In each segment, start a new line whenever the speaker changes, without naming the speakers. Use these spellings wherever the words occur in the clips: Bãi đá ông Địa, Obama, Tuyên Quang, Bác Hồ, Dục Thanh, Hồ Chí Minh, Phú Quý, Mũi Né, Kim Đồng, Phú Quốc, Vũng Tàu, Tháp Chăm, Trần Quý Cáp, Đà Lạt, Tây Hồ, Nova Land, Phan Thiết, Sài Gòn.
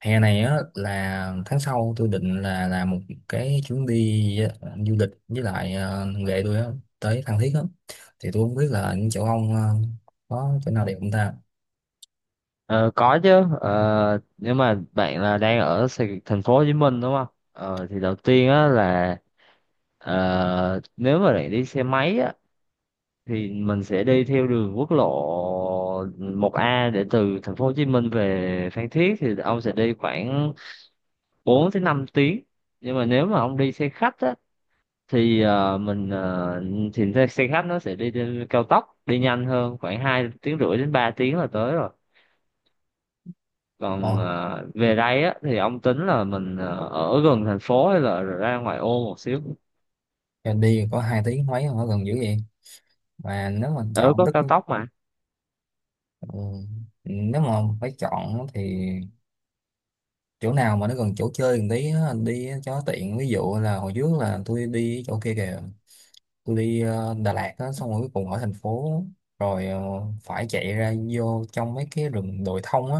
Hè này á là tháng sau tôi định là làm một cái chuyến đi du lịch với lại ghệ tôi á tới Phan Thiết á. Thì tôi không biết là những chỗ ông có chỗ nào đẹp không ta.
Ờ, có chứ. Nếu mà bạn là đang ở thành phố Hồ Chí Minh, đúng không? Ờ, thì đầu tiên á là nếu mà bạn đi xe máy á thì mình sẽ đi theo đường quốc lộ 1A, để từ thành phố Hồ Chí Minh về Phan Thiết thì ông sẽ đi khoảng 4 tới 5 tiếng. Nhưng mà nếu mà ông đi xe khách á thì ờ, mình ờ, thì xe xe khách nó sẽ đi trên cao tốc, đi nhanh hơn, khoảng 2 tiếng rưỡi đến 3 tiếng là tới rồi.
Ồ,
Còn về đây á thì ông tính là mình ở gần thành phố hay là ra ngoài ô một xíu?
đi có hai tiếng mấy ở gần dữ vậy. Mà nếu mà
Ở
chọn
có
tức
cao tốc mà.
ừ, nếu mà phải chọn thì chỗ nào mà nó gần chỗ chơi một tí á, đi cho tiện. Ví dụ là hồi trước là tôi đi chỗ kia kìa, tôi đi Đà Lạt á, xong rồi cuối cùng ở thành phố rồi phải chạy ra vô trong mấy cái rừng đồi thông á,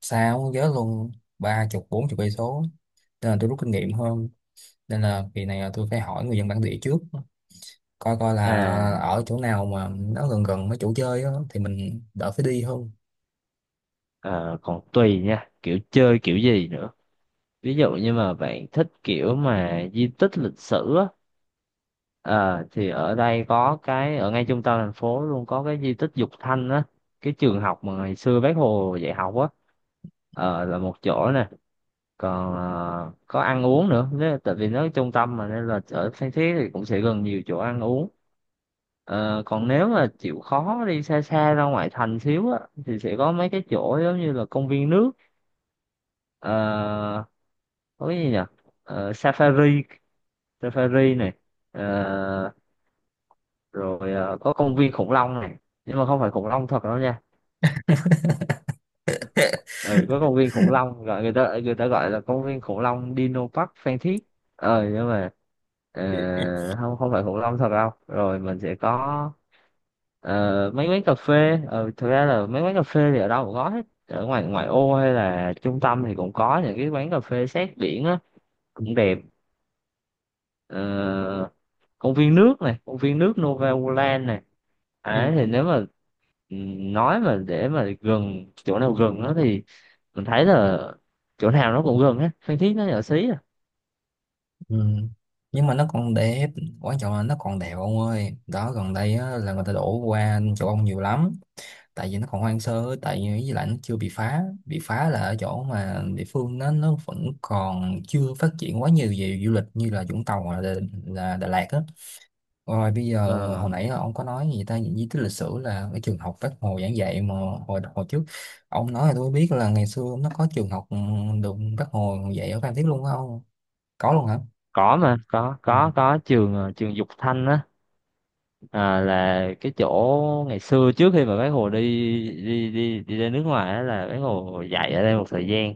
xa quá nhớ luôn, 30 40 cây số. Nên là tôi rút kinh nghiệm hơn, nên là kỳ này là tôi phải hỏi người dân bản địa trước, coi coi là
à
ở chỗ nào mà nó gần gần mấy chỗ chơi á, thì mình đỡ phải đi hơn.
ờ, còn tùy nha, kiểu chơi kiểu gì nữa. Ví dụ như mà bạn thích kiểu mà di tích lịch sử á, ờ, thì ở đây có cái ở ngay trung tâm thành phố luôn, có cái di tích Dục Thanh á, cái trường học mà ngày xưa Bác Hồ dạy học á. Là một chỗ nè. Còn có ăn uống nữa, nếu, tại vì nó ở trung tâm mà, nên là ở Phan Thiết thì cũng sẽ gần nhiều chỗ ăn uống. Còn nếu mà chịu khó đi xa xa ra ngoại thành xíu á thì sẽ có mấy cái chỗ giống như là công viên nước, ờ, có cái gì nhỉ? Ờ, safari safari này. Ờ, có công viên khủng long này, nhưng mà không phải khủng long thật đâu nha. Ừ, có công viên khủng long, gọi người ta gọi là công viên khủng long Dino Park Phan Thiết, nhưng mà ờ, không không phải khủng long thật đâu. Rồi mình sẽ có mấy quán cà phê, thực ra là mấy quán cà phê thì ở đâu cũng có hết, ở ngoài ngoại ô hay là trung tâm thì cũng có những cái quán cà phê sát biển á, cũng đẹp. Ờ, Công viên nước này, công viên nước Nova Land này. Đấy,
Ừ.
thì nếu mà nói, mà để mà gần chỗ nào gần nó, thì mình thấy là chỗ nào nó cũng gần hết. Phan Thiết nó nhỏ xí à.
Ừ. Nhưng mà nó còn đẹp, quan trọng là nó còn đẹp ông ơi, đó gần đây á, là người ta đổ qua chỗ ông nhiều lắm. Tại vì nó còn hoang sơ, tại vì với lại nó chưa bị phá là ở chỗ mà địa phương nó vẫn còn chưa phát triển quá nhiều về du lịch như là Vũng Tàu hoặc là, là Đà Lạt á. Rồi bây giờ
Ờ,
hồi nãy ông có nói gì ta, những di tích lịch sử là cái trường học Bác Hồ giảng dạy mà hồi hồi trước ông nói, là tôi biết là ngày xưa nó có trường học được Bác Hồ dạy ở Phan Thiết luôn phải không, có luôn hả?
có mà
Ừ.
có trường trường Dục Thanh á, à, là cái chỗ ngày xưa trước khi mà bác Hồ đi đi đi đi ra nước ngoài á, là bác Hồ dạy ở đây một thời gian.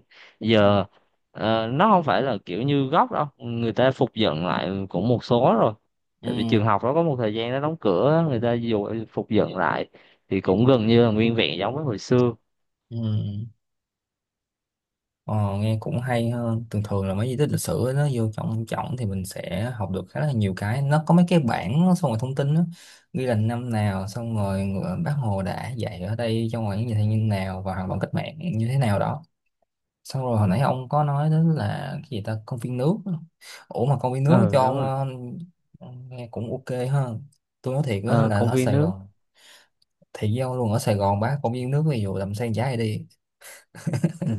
Ừ.
Giờ nó không phải là kiểu như gốc đâu, người ta phục dựng lại cũng một số rồi,
Ừ.
tại vì trường học nó có một thời gian nó đóng cửa á, người ta dù phục dựng lại thì cũng gần như là nguyên vẹn giống với hồi xưa.
Ừ. Ờ, nghe cũng hay. Hơn thường thường là mấy di tích lịch sử ấy, nó vô trong trọng thì mình sẽ học được khá là nhiều cái, nó có mấy cái bảng nó xong rồi thông tin đó, ghi là năm nào, xong rồi Bác Hồ đã dạy ở đây trong ngoài như thế nào và hoạt động cách mạng như thế nào đó. Xong rồi hồi nãy ông có nói đến là cái gì ta, công viên nước, ủa mà công viên nước
Ờ
cho
Đúng
ông.
rồi,
Ờ, nghe cũng ok hơn. Tôi nói thiệt đó
ờ
là
công
ở
viên
Sài
nước.
Gòn thì với ông luôn, ở Sài Gòn bác công viên nước ví dụ làm sen trái đi.
Ừ.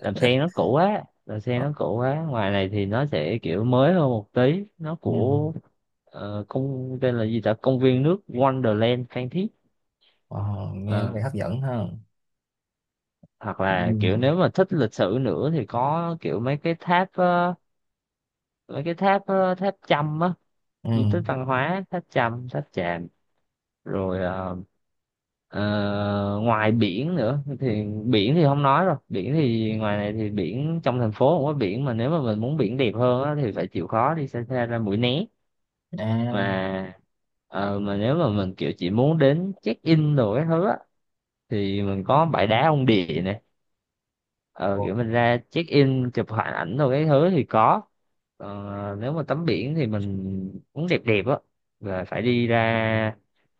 Đầm sen nó cũ quá, đầm sen
Ờ,
nó cũ quá. Ngoài này thì nó sẽ kiểu mới hơn một tí. Nó
ừ.
của công, tên là gì ta, công viên nước Wonderland Phan Thiết.
Ờ, nghe có vẻ
Ờ,
hấp dẫn ha.
hoặc
Ừ.
là kiểu nếu mà thích lịch sử nữa thì có kiểu mấy cái tháp, tháp Chăm á,
Ừ.
di tích văn hóa tháp Chăm, tháp Chàm. Rồi ờ, Ờ, ngoài biển nữa thì biển thì không nói rồi. Biển thì ngoài này thì biển trong thành phố không có biển, mà nếu mà mình muốn biển đẹp hơn á thì phải chịu khó đi xa xa ra Mũi Né.
À.
Mà ờ, mà nếu mà mình kiểu chỉ muốn đến check in đồ cái thứ á, thì mình có bãi đá ông Địa nè, ờ,
Ồ,
kiểu mình ra check in chụp hình ảnh rồi cái thứ thì có. Còn nếu mà tắm biển thì mình muốn đẹp đẹp á là phải đi ra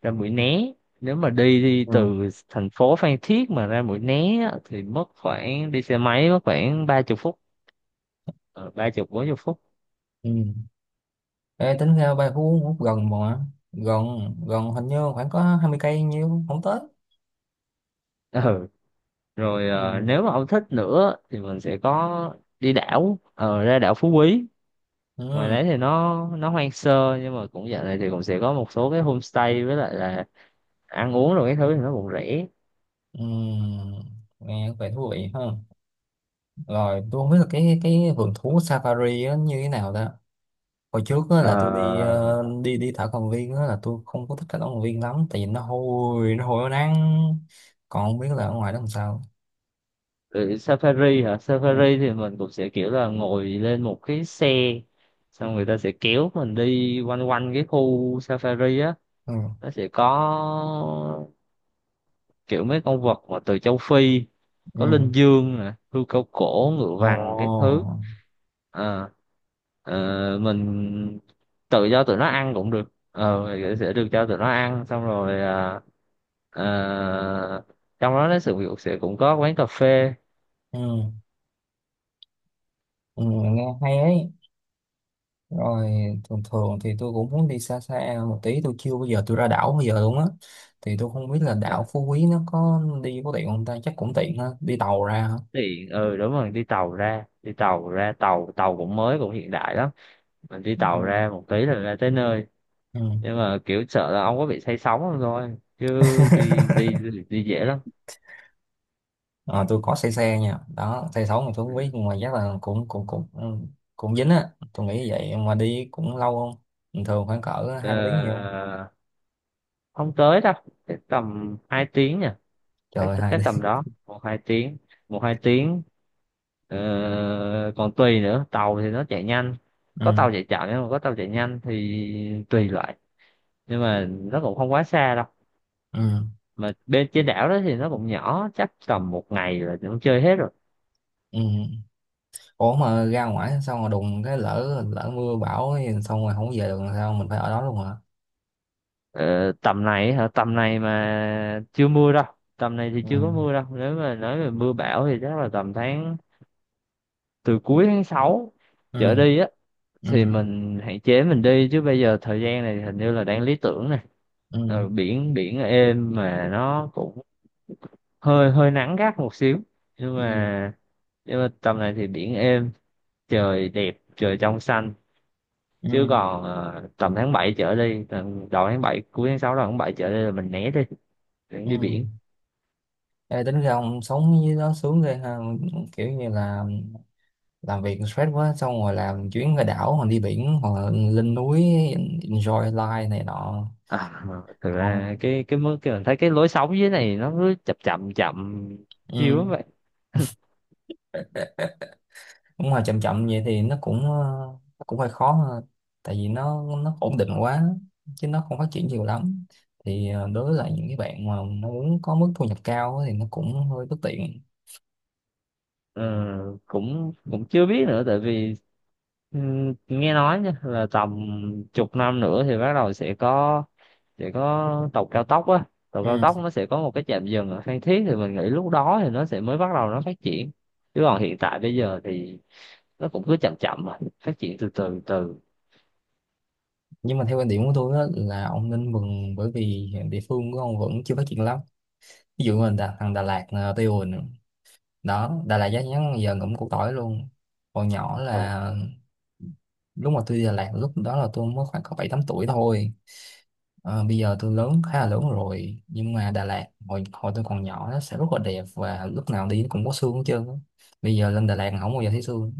ra Mũi Né. Nếu mà đi đi
ừ.
từ thành phố Phan Thiết mà ra Mũi Né á, thì mất khoảng, đi xe máy mất khoảng 30 phút, ờ, 30 40 phút.
Ừ. Ê, tính ra ba Phú Quốc gần mà, gần, gần, hình như khoảng có 20 cây nhiêu, không tới.
Ừ. Rồi,
Ừ.
nếu mà ông thích nữa thì mình sẽ có, ra đảo Phú Quý. Ngoài
Ừ.
đấy thì nó hoang sơ, nhưng mà cũng dạo này thì cũng sẽ có một số cái homestay với lại là ăn uống rồi cái thứ thì nó cũng rẻ.
Ừ. Nghe có vẻ thú vị hơn. Rồi tôi không biết là cái vườn thú safari á như thế nào ta. Hồi trước á, là tôi đi
Ờ,
đi đi thảo cầm viên á, là tôi không có thích cái thảo cầm viên lắm, tại vì nó hôi nó nắng. Còn không biết là ở ngoài đó làm sao.
rồi, safari hả?
Ừ.
Safari thì mình cũng sẽ kiểu là ngồi lên một cái xe, xong người ta sẽ kéo mình đi quanh quanh cái khu safari á.
Ừ.
Nó sẽ có kiểu mấy con vật mà từ châu Phi, có
Ừ.
linh dương nè, hươu cao cổ, ngựa
Ồ.
vằn, các thứ. Ờ, ờ, mình tự do tụi nó ăn cũng được, thì sẽ được cho tụi nó ăn, xong rồi à, Ờ, trong đó nó sự việc sẽ cũng có quán cà phê.
Ừ. Ừ, nghe hay ấy. Rồi, thường thường thì tôi cũng muốn đi xa xa một tí, tôi chưa bao giờ ra đảo bây giờ luôn á. Thì tôi không biết là
Ờ,
đảo Phú Quý nó có đi có tiện không ta, chắc cũng tiện ha, đi tàu ra hả?
Tiện, đúng rồi. Đi tàu ra, tàu tàu cũng mới, cũng hiện đại lắm. Mình đi tàu
Ừ.
ra một tí là ra tới nơi.
Ừ.
Nhưng mà kiểu sợ là ông có bị say sóng không thôi, chứ đi, đi dễ lắm.
Ờ, tôi có xe xe nha đó, xe sáu mà tôi không biết,
Ừ.
nhưng mà chắc là cũng cũng cũng ừ, cũng dính á tôi nghĩ vậy. Mà đi cũng lâu không? Bình thường khoảng cỡ
Ờ,
hai ba tiếng nhiều?
Không tới đâu, chắc tầm 2 tiếng nha,
Trời
cái
ơi, hai
cái tầm
tiếng.
đó 1 2 tiếng, 1 2 tiếng. Ờ, Còn tùy nữa, tàu thì nó chạy nhanh, có
ừ.
tàu chạy chậm nhưng mà có tàu chạy nhanh thì tùy loại, nhưng mà nó cũng không quá xa đâu.
Ừ.
Mà bên trên đảo đó thì nó cũng nhỏ, chắc tầm một ngày là cũng chơi hết rồi.
Ừ. Ủa mà ra ngoài xong rồi đùng cái lỡ lỡ mưa bão ấy, xong rồi không về được làm sao, mình phải ở đó luôn hả?
Ờ, Tầm này hả? Tầm này mà chưa mưa đâu, tầm này thì
Ừ.
chưa có mưa đâu. Nếu mà nói về mưa bão thì chắc là tầm tháng, từ cuối tháng 6 trở
Ừ.
đi á
Ừ.
thì mình hạn chế mình đi, chứ bây giờ thời gian này hình như là đang lý tưởng này.
Ừ.
Biển biển êm mà nó cũng hơi hơi nắng gắt một xíu, nhưng
Ừ.
mà nhưng mà tầm này thì biển êm, trời đẹp, trời trong xanh. Chứ
Ừ.
còn tầm tháng 7 trở đi, tầm đầu tháng 7, cuối tháng 6 đầu tháng 7 trở đi là mình né đi, để đi biển.
Ừ. Ê, tính ra ông sống với đó sướng ghê ha, kiểu như là làm việc stress quá xong rồi làm chuyến ra đảo hoặc đi biển hoặc là lên núi, enjoy life này nọ.
À, thực
Còn
ra cái mức cái mình thấy cái lối sống dưới này, nó cứ chậm chậm chậm chiều lắm
ừ,
vậy.
đúng rồi, chậm chậm vậy thì nó cũng nó cũng hơi khó ha. Tại vì nó ổn định quá, chứ nó không phát triển nhiều lắm. Thì đối với lại những cái bạn mà nó muốn có mức thu nhập cao á thì nó cũng hơi bất tiện.
Ờ, cũng cũng chưa biết nữa, tại vì ừ, nghe nói nha, là tầm chục năm nữa thì bắt đầu sẽ có, sẽ có tàu cao tốc á. Tàu cao tốc
Ừ.
nó sẽ có một cái trạm dừng ở Phan Thiết, thì mình nghĩ lúc đó thì nó sẽ mới bắt đầu nó phát triển. Chứ còn hiện tại bây giờ thì nó cũng cứ chậm chậm mà phát triển từ từ từ.
Nhưng mà theo quan điểm của tôi á, là ông nên mừng bởi vì hiện địa phương của ông vẫn chưa phát triển lắm. Ví dụ mình thằng Đà Lạt Tây Hồ nè. Đó, Đà Lạt giá nhắn giờ ngậm củ tỏi luôn. Còn nhỏ
Mà
là lúc mà tôi đi Đà Lạt, lúc đó là tôi mới khoảng có 7 8 tuổi thôi. Ờ, bây giờ tôi lớn, khá là lớn rồi, nhưng mà Đà Lạt hồi hồi tôi còn nhỏ nó sẽ rất là đẹp và lúc nào đi cũng có sương hết trơn á. Bây giờ lên Đà Lạt không bao giờ thấy sương.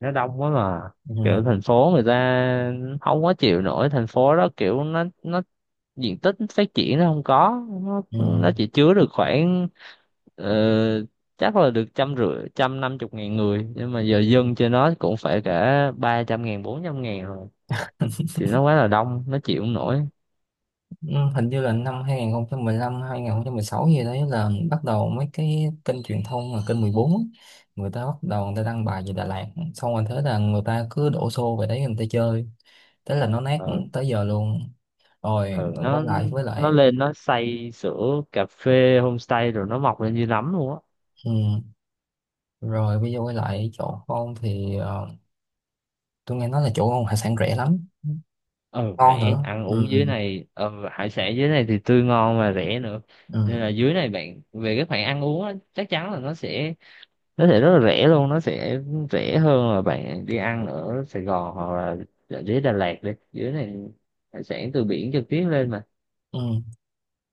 nó đông quá mà, kiểu
Ừ.
thành phố người ta không có chịu nổi. Thành phố đó kiểu nó diện tích phát triển nó không có. nó,
Ừ.
nó chỉ chứa được khoảng ờ, chắc là được trăm rưỡi, 150.000 người, nhưng mà giờ dân trên nó cũng phải cả 300.000, 400.000 rồi, thì nó quá là đông, nó chịu không nổi.
Ừ, hình như là năm 2015 sáu gì đấy là bắt đầu mấy cái kênh truyền thông là kênh 14 á, người ta bắt đầu người ta đăng bài về Đà Lạt, xong rồi thế là người ta cứ đổ xô về đấy người ta chơi, thế là nó nát
ờ
tới giờ luôn. Rồi
ờ
quay
nó
lại với
nó
lại
lên nó xây sửa cà phê, homestay rồi nó mọc lên như nấm luôn á.
ừ. Rồi bây giờ quay lại chỗ ông thì tôi nghe nói là chỗ ông hải sản rẻ lắm,
Ờ
ngon nữa.
Rẻ, ăn
Ừ.
uống dưới này, hải sản dưới này thì tươi ngon và rẻ nữa.
Ừ.
Nên là dưới này bạn về, các bạn ăn uống á, chắc chắn là nó sẽ, nó sẽ rất là rẻ luôn, nó sẽ rẻ hơn là bạn đi ăn ở Sài Gòn, hoặc là ở dưới Đà Lạt. Đi dưới này, hải sản từ biển trực tiếp lên mà.
Ừ.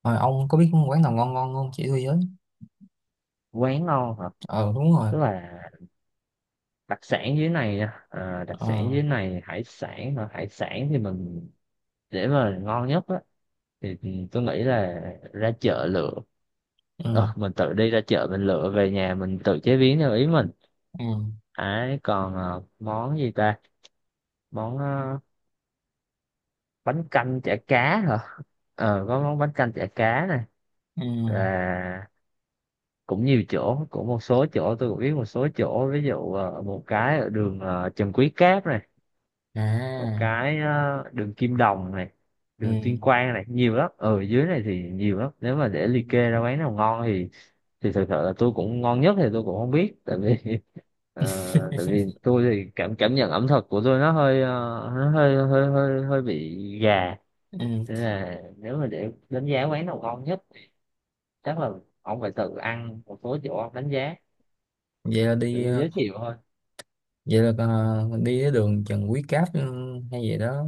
Rồi ông có biết quán nào ngon ngon không chỉ tôi với.
Quán ngon hả?
Ờ, đúng rồi.
Tức là đặc sản dưới này nha. À, đặc sản
Ờ.
dưới này, hải sản hả? Hải sản thì mình, để mà ngon nhất á, thì tôi nghĩ là ra chợ lựa,
Ừ.
mình tự đi ra chợ mình lựa về nhà mình tự chế biến theo ý mình
Ừ.
ấy. Còn món gì ta, món bánh canh chả cá hả? Có món bánh canh chả cá này,
Ừ.
và cũng nhiều chỗ, cũng một số chỗ tôi cũng biết. Một số chỗ, ví dụ một cái ở đường Trần Quý Cáp này, một
À.
cái đường Kim Đồng này,
Ừ.
đường Tuyên Quang này, nhiều lắm. Ở dưới này thì nhiều lắm, nếu mà để
Ừ.
liệt kê ra quán nào ngon thì thật sự là tôi cũng ngon nhất thì tôi cũng không biết, tại vì tại vì tôi thì cảm cảm nhận ẩm thực của tôi nó hơi nó hơi hơi hơi hơi bị gà.
ừ.
Nên là nếu mà để đánh giá quán nào ngon nhất, chắc là ông phải tự ăn một số chỗ ông đánh giá,
Vậy là
kiểu
đi
tôi giới thiệu thôi.
vậy là đi cái đường Trần Quý Cáp ừ, hay gì đó.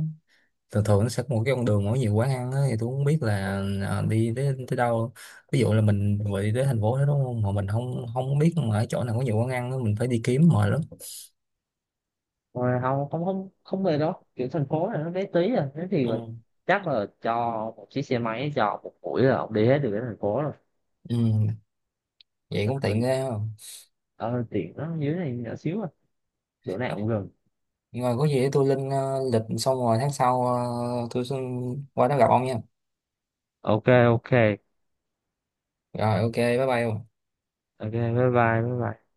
Thường thường nó sẽ có một cái con đường mỗi nhiều quán ăn á, thì tôi không biết là đi tới tới đâu. Ví dụ là mình vừa đi tới thành phố đó đúng không, mà mình không không biết mà ở chỗ nào có nhiều quán ăn á, mình phải đi kiếm mệt lắm.
Rồi không, không, không, không, về đó kiểu thành phố này nó bé tí à, thế thì là,
Ừ.
chắc là cho một chiếc xe máy cho một buổi là ông đi hết được cái thành phố rồi.
Ừ, vậy cũng tiện ghê không.
Ờ Tiện, nó dưới này nhỏ xíu à, chỗ nào cũng gần.
Rồi có gì để tôi lên lịch, xong rồi tháng sau tôi xin qua đó gặp ông nha.
Ok. Ok.
Rồi ok, bye bye ông.
Ok, bye bye, bye bye.